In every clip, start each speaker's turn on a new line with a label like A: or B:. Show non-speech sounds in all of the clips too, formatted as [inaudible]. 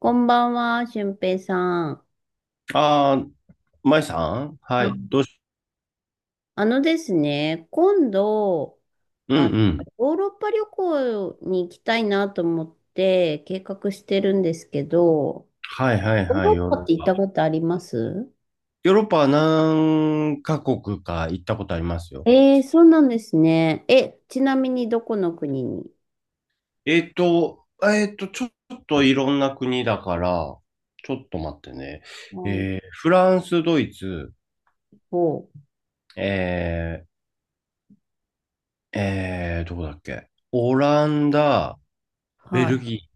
A: こんばんは、俊平さん。
B: ああ、舞さん、は
A: あ、
B: い。どうし、
A: あのですね、今度、
B: うん
A: あ、
B: うん。
A: ヨーロッパ旅行に行きたいなと思って計画してるんですけど、
B: はいはい
A: ヨー
B: は
A: ロ
B: い。
A: ッ
B: ヨーロ
A: パって行ったことあります？
B: ヨーロッパは何カ国か行ったことありますよ。
A: そうなんですね。え、ちなみにどこの国に？
B: ちょっといろんな国だから、ちょっと待ってね。
A: はい。
B: フランス、ドイツ、
A: お、
B: えー、どこだっけ、オランダ、ベ
A: は
B: ル
A: い。
B: ギ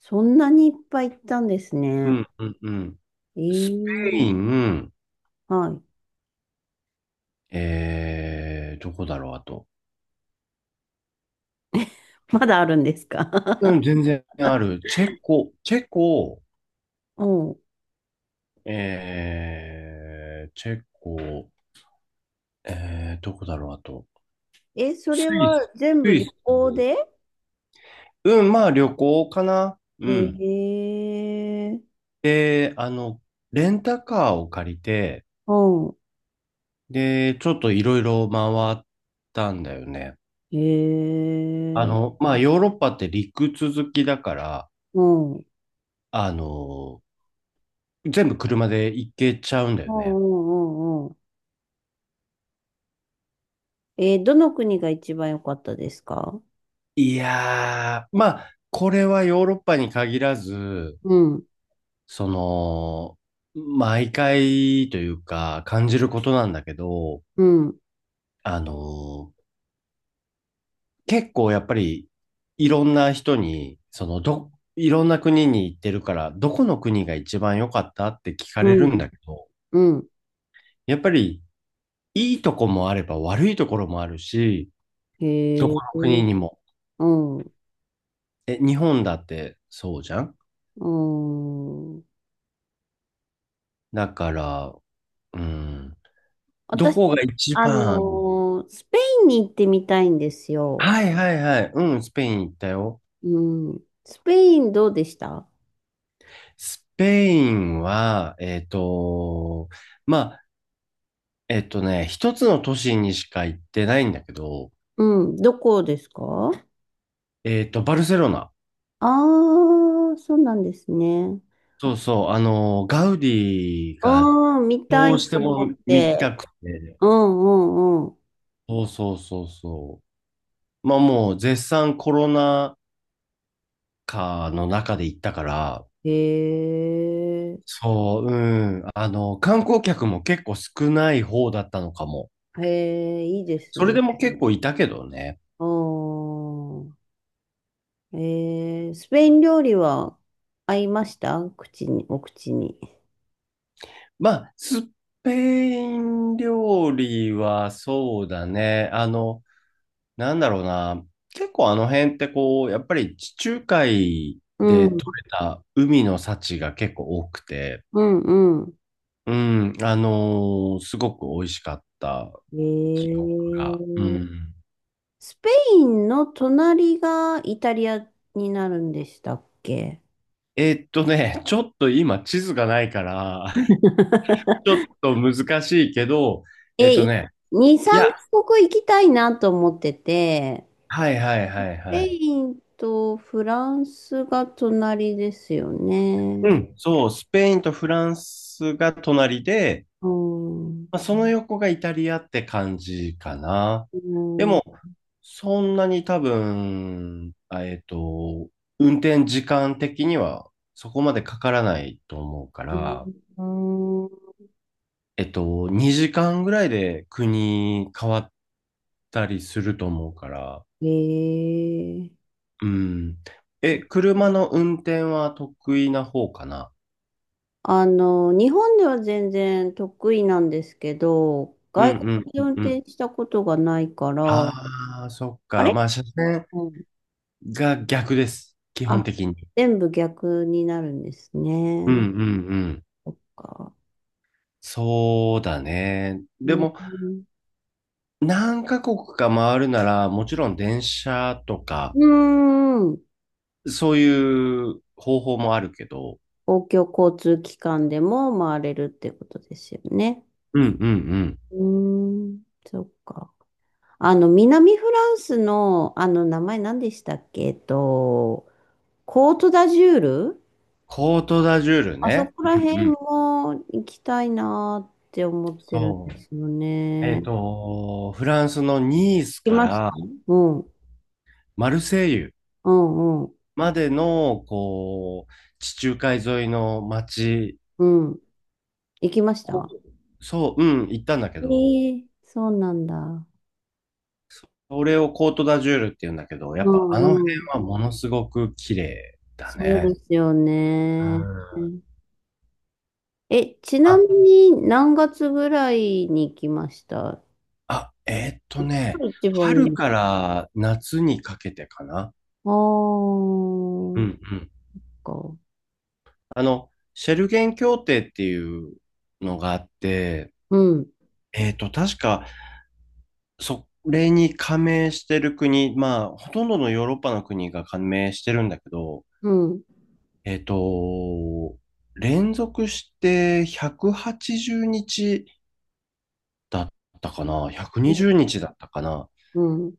A: そんなにいっぱい行ったんです
B: ー、う
A: ね。
B: んうんうん。
A: え
B: スペ
A: ー、
B: イン、
A: はい。
B: どこだろう、あと。
A: まだあるんです
B: う
A: か？
B: ん、全然ある。チェコ、チェコ、
A: [laughs] うん。
B: チェコ、どこだろう、あと。
A: え、そ
B: ス
A: れ
B: イ
A: は
B: ス、
A: 全
B: ス
A: 部
B: イ
A: 旅
B: ス。
A: 行で？
B: うん、まあ旅行かな。うん。
A: ええ。
B: で、レンタカーを借りて、
A: うん。
B: で、ちょっといろいろ回ったんだよね。
A: ええ。
B: まあヨーロッパって陸続きだから、
A: うん。うん
B: あの、全部車で行けちゃうんだよ
A: う
B: ね。
A: んうんうん。どの国が一番良かったですか？
B: いやー、まあ、これはヨーロッパに限らず、
A: うん。
B: その、毎回というか感じることなんだけど、
A: うん。
B: あの、結構やっぱりいろんな人に、そのど、いろんな国に行ってるから、どこの国が一番良かったって聞か
A: う
B: れるん
A: ん。
B: だけど、
A: うん。
B: やっぱりいいとこもあれば悪いところもあるし、どこ
A: へ
B: の国に
A: え。
B: も。
A: うん。
B: え、日本だってそうじゃん。
A: うん。
B: だから、うん、どこが
A: 私、
B: 一
A: あの
B: 番、
A: スペインに行ってみたいんですよ。
B: はいはいはい、うん、スペイン行ったよ。
A: うん。スペインどうでした？
B: スペインは、まあ、一つの都市にしか行ってないんだけど、
A: うん。どこですか？
B: バルセロナ。
A: ああー、そうなんですね。
B: そうそう、ガウディが
A: うん、見た
B: どう
A: い
B: し
A: と
B: て
A: 思
B: も
A: っ
B: 見た
A: て。
B: くて、
A: うんうんうん。
B: そうそうそうそう。まあもう絶賛コロナ禍の中で行ったから、
A: へえ、
B: そう、うん、観光客も結構少ない方だったのかも。
A: へえ、いいです
B: それ
A: ね。
B: でも結構いたけどね。
A: あー、スペイン料理は合いましたお口に？
B: まあ、スペイン料理はそうだね。なんだろうな。結構あの辺ってこう、やっぱり地中海
A: う
B: で
A: ん、
B: 取れた海の幸が結構多くて、
A: うん、うん。
B: うん、すごく美味しかった
A: へ
B: 記憶
A: え
B: が。う
A: ー、
B: ん。
A: スペインの隣がイタリアになるんでしたっけ？
B: ちょっと今地図がないから、[laughs] ちょっと難しいけど、えー
A: え、
B: っとね、
A: 2、
B: い
A: 3
B: や、
A: カ国行きたいなと思ってて、
B: はいはいはい
A: スペ
B: はい。
A: インとフランスが隣ですよね。
B: うん、そう、スペインとフランスが隣で、
A: うん。
B: まあ、その横がイタリアって感じかな。
A: う
B: で
A: ん。
B: も、そんなに多分、運転時間的にはそこまでかからないと思うから、
A: うん。
B: えっと、2時間ぐらいで国変わったりすると思うから、
A: ええ。
B: うん。え、車の運転は得意な方かな。
A: あの、日本では全然得意なんですけど、
B: うんう
A: 外国
B: ん
A: で
B: うん
A: 運
B: うん。
A: 転したことがないから、
B: ああ、そっ
A: あ
B: か。
A: れ、
B: まあ、車線、
A: うん、
B: が逆です。基本
A: あ、
B: 的に。
A: 全部逆になるんです
B: うんうんう
A: ね。
B: ん。
A: そっか。
B: そうだね。で
A: う
B: も、
A: ん。
B: 何カ国か回るなら、もちろん電車とか、
A: うん。
B: そういう方法もあるけど、
A: 公共交通機関でも回れるってことですよね。
B: うんうんうん。
A: うん。そっか。あの、南フランスの、あの、名前何でしたっけ？コートダジュール。
B: コートダジュール
A: あそ
B: ね。
A: こ
B: う
A: ら
B: んう
A: 辺
B: ん。
A: も行きたいなーって思ってる
B: そ
A: ん
B: う。
A: ですよね。行
B: フランスのニース
A: き
B: か
A: ました？
B: ら
A: うん、
B: マルセイユ
A: うん、うん、
B: までの、こう、地中海沿いの街
A: うん。行きまし
B: を、
A: た？
B: そう、うん、行ったんだけど、
A: そうなんだ。
B: それをコートダジュールって言うんだけど、や
A: う
B: っぱあの辺
A: ん、うん。
B: はものすごく綺麗だ
A: そうで
B: ね。
A: すよ
B: う
A: ね。
B: ん。
A: え、ちな
B: あ、
A: みに何月ぐらいに行きました？
B: あ、えーっとね、
A: 一番
B: 春
A: いい。
B: から夏にかけてかな。
A: あー、
B: う
A: そ
B: んうん。
A: っか。
B: シェルゲン協定っていうのがあって、
A: うん、
B: 確か、それに加盟してる国、まあ、ほとんどのヨーロッパの国が加盟してるんだけど、
A: うん、
B: えーっと、連続して180日だったかな。
A: うん、
B: 120日だったかな。
A: う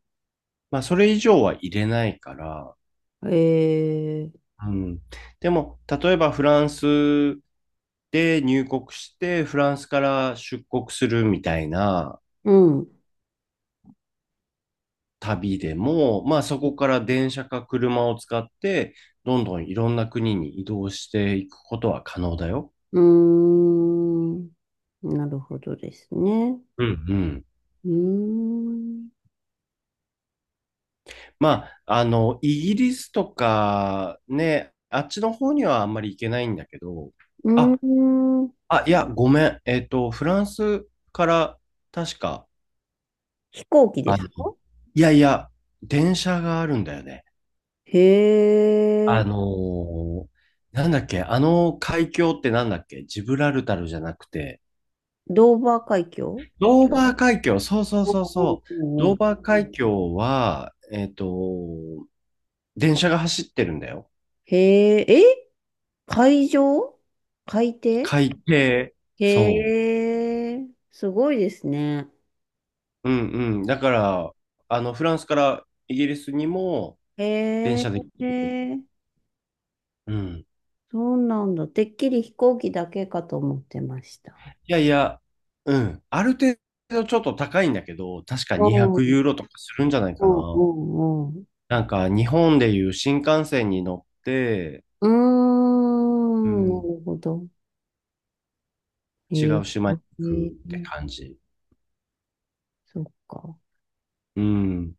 B: まあ、それ以上は入れないから。
A: ん。
B: うん。でも、例えばフランスで入国して、フランスから出国するみたいな
A: うん、
B: 旅でも、まあ、そこから電車か車を使って、どんどんいろんな国に移動していくことは可能だよ。
A: うーん、なるほどですね。
B: うんうん。
A: うーん、
B: まあ、イギリスとかね、あっちの方にはあんまり行けないんだけど、
A: うー
B: あ、
A: ん、
B: いや、ごめん。フランスから確か、
A: 飛行機で
B: あ、
A: すか？
B: いやいや、電車があるんだよね。
A: へ
B: あ
A: え、
B: のーなんだっけ、あの海峡ってなんだっけ、ジブラルタルじゃなくて、
A: ドーバー海峡？
B: ドーバー海峡、そうそう
A: う
B: そう
A: ん
B: そう、
A: うんう
B: ドー
A: ん。
B: バー海峡は、電車が走ってるんだよ。
A: へえ、え、海上？海底？
B: 海底。そ
A: へえ、すごいですね。
B: う。うんうん。だから、フランスからイギリスにも電
A: へ
B: 車で行ってる。
A: え、
B: うん。
A: そうなんだ。てっきり飛行機だけかと思ってました。
B: いやいや、うん。ある程度ちょっと高いんだけど、確か
A: う
B: 200
A: ん
B: ユーロとかするんじゃない
A: う
B: かな。
A: んうんうん。
B: なんか日本でいう新幹線に乗って、
A: うー
B: う
A: ん、な
B: ん、
A: るほど。え
B: 違
A: ー、
B: う島に行くっ
A: え
B: て
A: ー
B: 感じ。
A: そっか。
B: うん。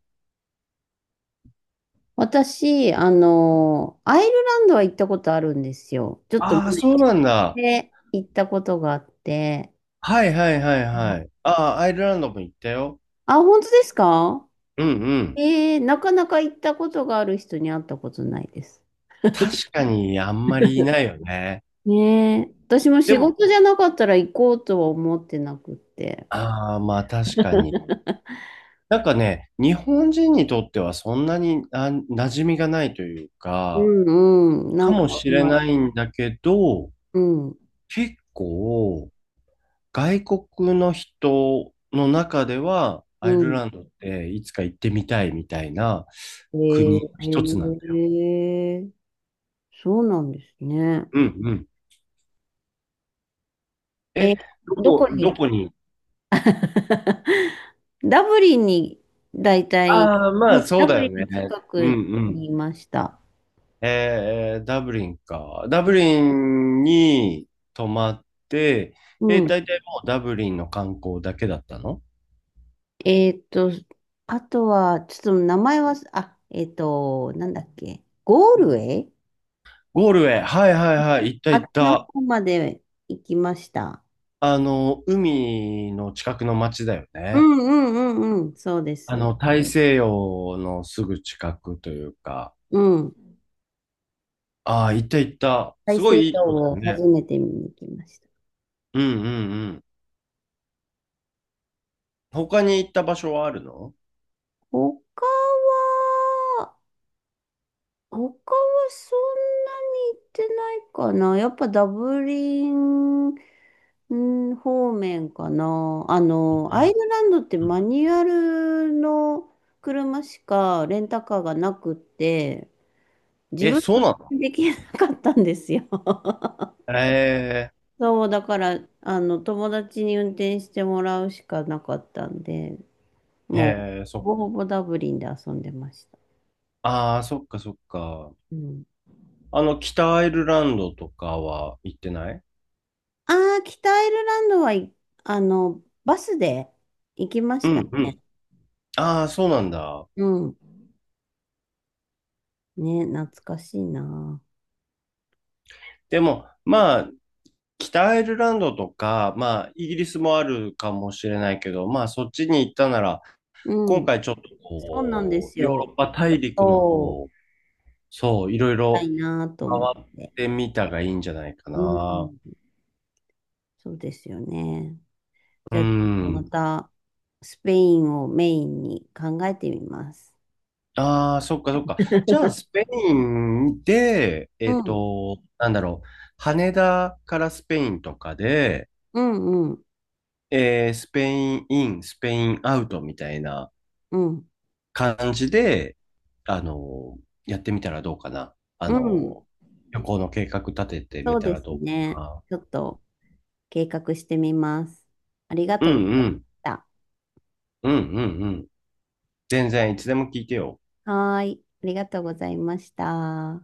A: 私、あの、アイルランドは行ったことあるんですよ。ちょっと
B: ああ、
A: 前
B: そうなんだ。
A: で行ったことがあって。
B: はいはいはい
A: う
B: は
A: ん。
B: い。ああ、アイルランドも行ったよ。
A: あ、本当ですか？
B: うんうん。
A: なかなか行ったことがある人に会ったことないです。
B: 確かにあんまりいないよね。
A: ねえ。私も
B: で
A: 仕
B: も、
A: 事じゃなかったら行こうとは思ってなくって。
B: ああ、まあ確かに。
A: [laughs]
B: なんかね、日本人にとってはそんなに馴染みがないという
A: う
B: か、
A: んうん。な
B: か
A: んか
B: もし
A: あん
B: れ
A: まり。
B: ないんだけど、
A: うん。
B: 結構外国の人の中では
A: う
B: アイル
A: ん。
B: ランドっていつか行ってみたいみたいな
A: え
B: 国一つなんだよ。
A: ー、そうなんですね。
B: うんうん。
A: え、
B: え、
A: どこに、
B: どこに、
A: [laughs] ダブリンに、だいたい、
B: ああー、ま
A: うん。
B: あそ
A: ダ
B: う
A: ブ
B: だよ
A: リン
B: ね。
A: の近
B: うん
A: く
B: うん。
A: にいました。
B: ダブリンか。ダブリンに泊まって、
A: う
B: え、
A: ん。
B: 大体もうダブリンの観光だけだったの、
A: えっと、あとは、ちょっと名前は、あ、なんだっけ、ゴールウェイ。
B: ゴールウェイ。はいはいはい。行った
A: あっ
B: 行っ
A: ちの
B: た。
A: 方まで行きました。
B: 海の近くの町だよ
A: う
B: ね。
A: んうんうんうん、そうです。
B: 大西洋のすぐ近くというか。
A: うん。
B: ああ、行った行った。
A: 大
B: すご
A: 西
B: いいい
A: 洋
B: とこだ
A: を
B: よ
A: 初
B: ね。
A: めて見に行きました。
B: うんうんうん。他に行った場所はあるの、
A: 他は、他はそんなに行ってないかな。やっぱダブリンうん方面かな。あ
B: う
A: の、アイ
B: ん
A: ルランドって
B: うん、
A: マニュアルの車しかレンタカーがなくって、自
B: え、
A: 分
B: そう
A: は
B: なの、
A: できなかったんですよ。[laughs]
B: え
A: そう、だから、あの、友達に運転してもらうしかなかったんで、もう、ほ
B: そ
A: ぼ
B: っ、
A: ほぼダブリンで遊んでました。
B: ああ、そっかそっか。
A: うん。
B: 北アイルランドとかは行ってない、
A: ああ、北アイルランドは、あの、バスで行きま
B: う
A: したね。
B: んうん。ああ、そうなんだ。
A: うん。ね、懐かしいな。
B: でも、まあ、北アイルランドとか、まあ、イギリスもあるかもしれないけど、まあ、そっちに行ったなら、
A: う
B: 今
A: ん。
B: 回ちょっと
A: そうなんで
B: こ
A: す
B: う、ヨーロ
A: よ。
B: ッパ大陸の
A: そう、
B: 方、そう、いろい
A: たい
B: ろ
A: なと思っ
B: 回っ
A: て。
B: てみたがいいんじゃないか
A: う
B: な。
A: ん。そうですよね。
B: う
A: じゃあ、ちょっとま
B: ん。
A: た、スペインをメインに考えてみます。
B: ああ、そっかそっか。じゃあ、ス
A: [laughs]
B: ペインで、
A: うん、
B: なんだろう、羽田からスペインとかで、
A: うん、うん、
B: スペインイン、スペインアウトみたいな、
A: うん、
B: 感じで、あの、やってみたらどうかな。あ
A: うん。
B: の、旅行の計画立ててみ
A: そう
B: た
A: で
B: ら
A: す
B: どうか
A: ね。
B: な。
A: ちょっと計画してみます。ありが
B: うん
A: とうござい
B: う
A: まし
B: ん。
A: た。
B: うんうんうん。全然いつでも聞いてよ。
A: はーい。ありがとうございました。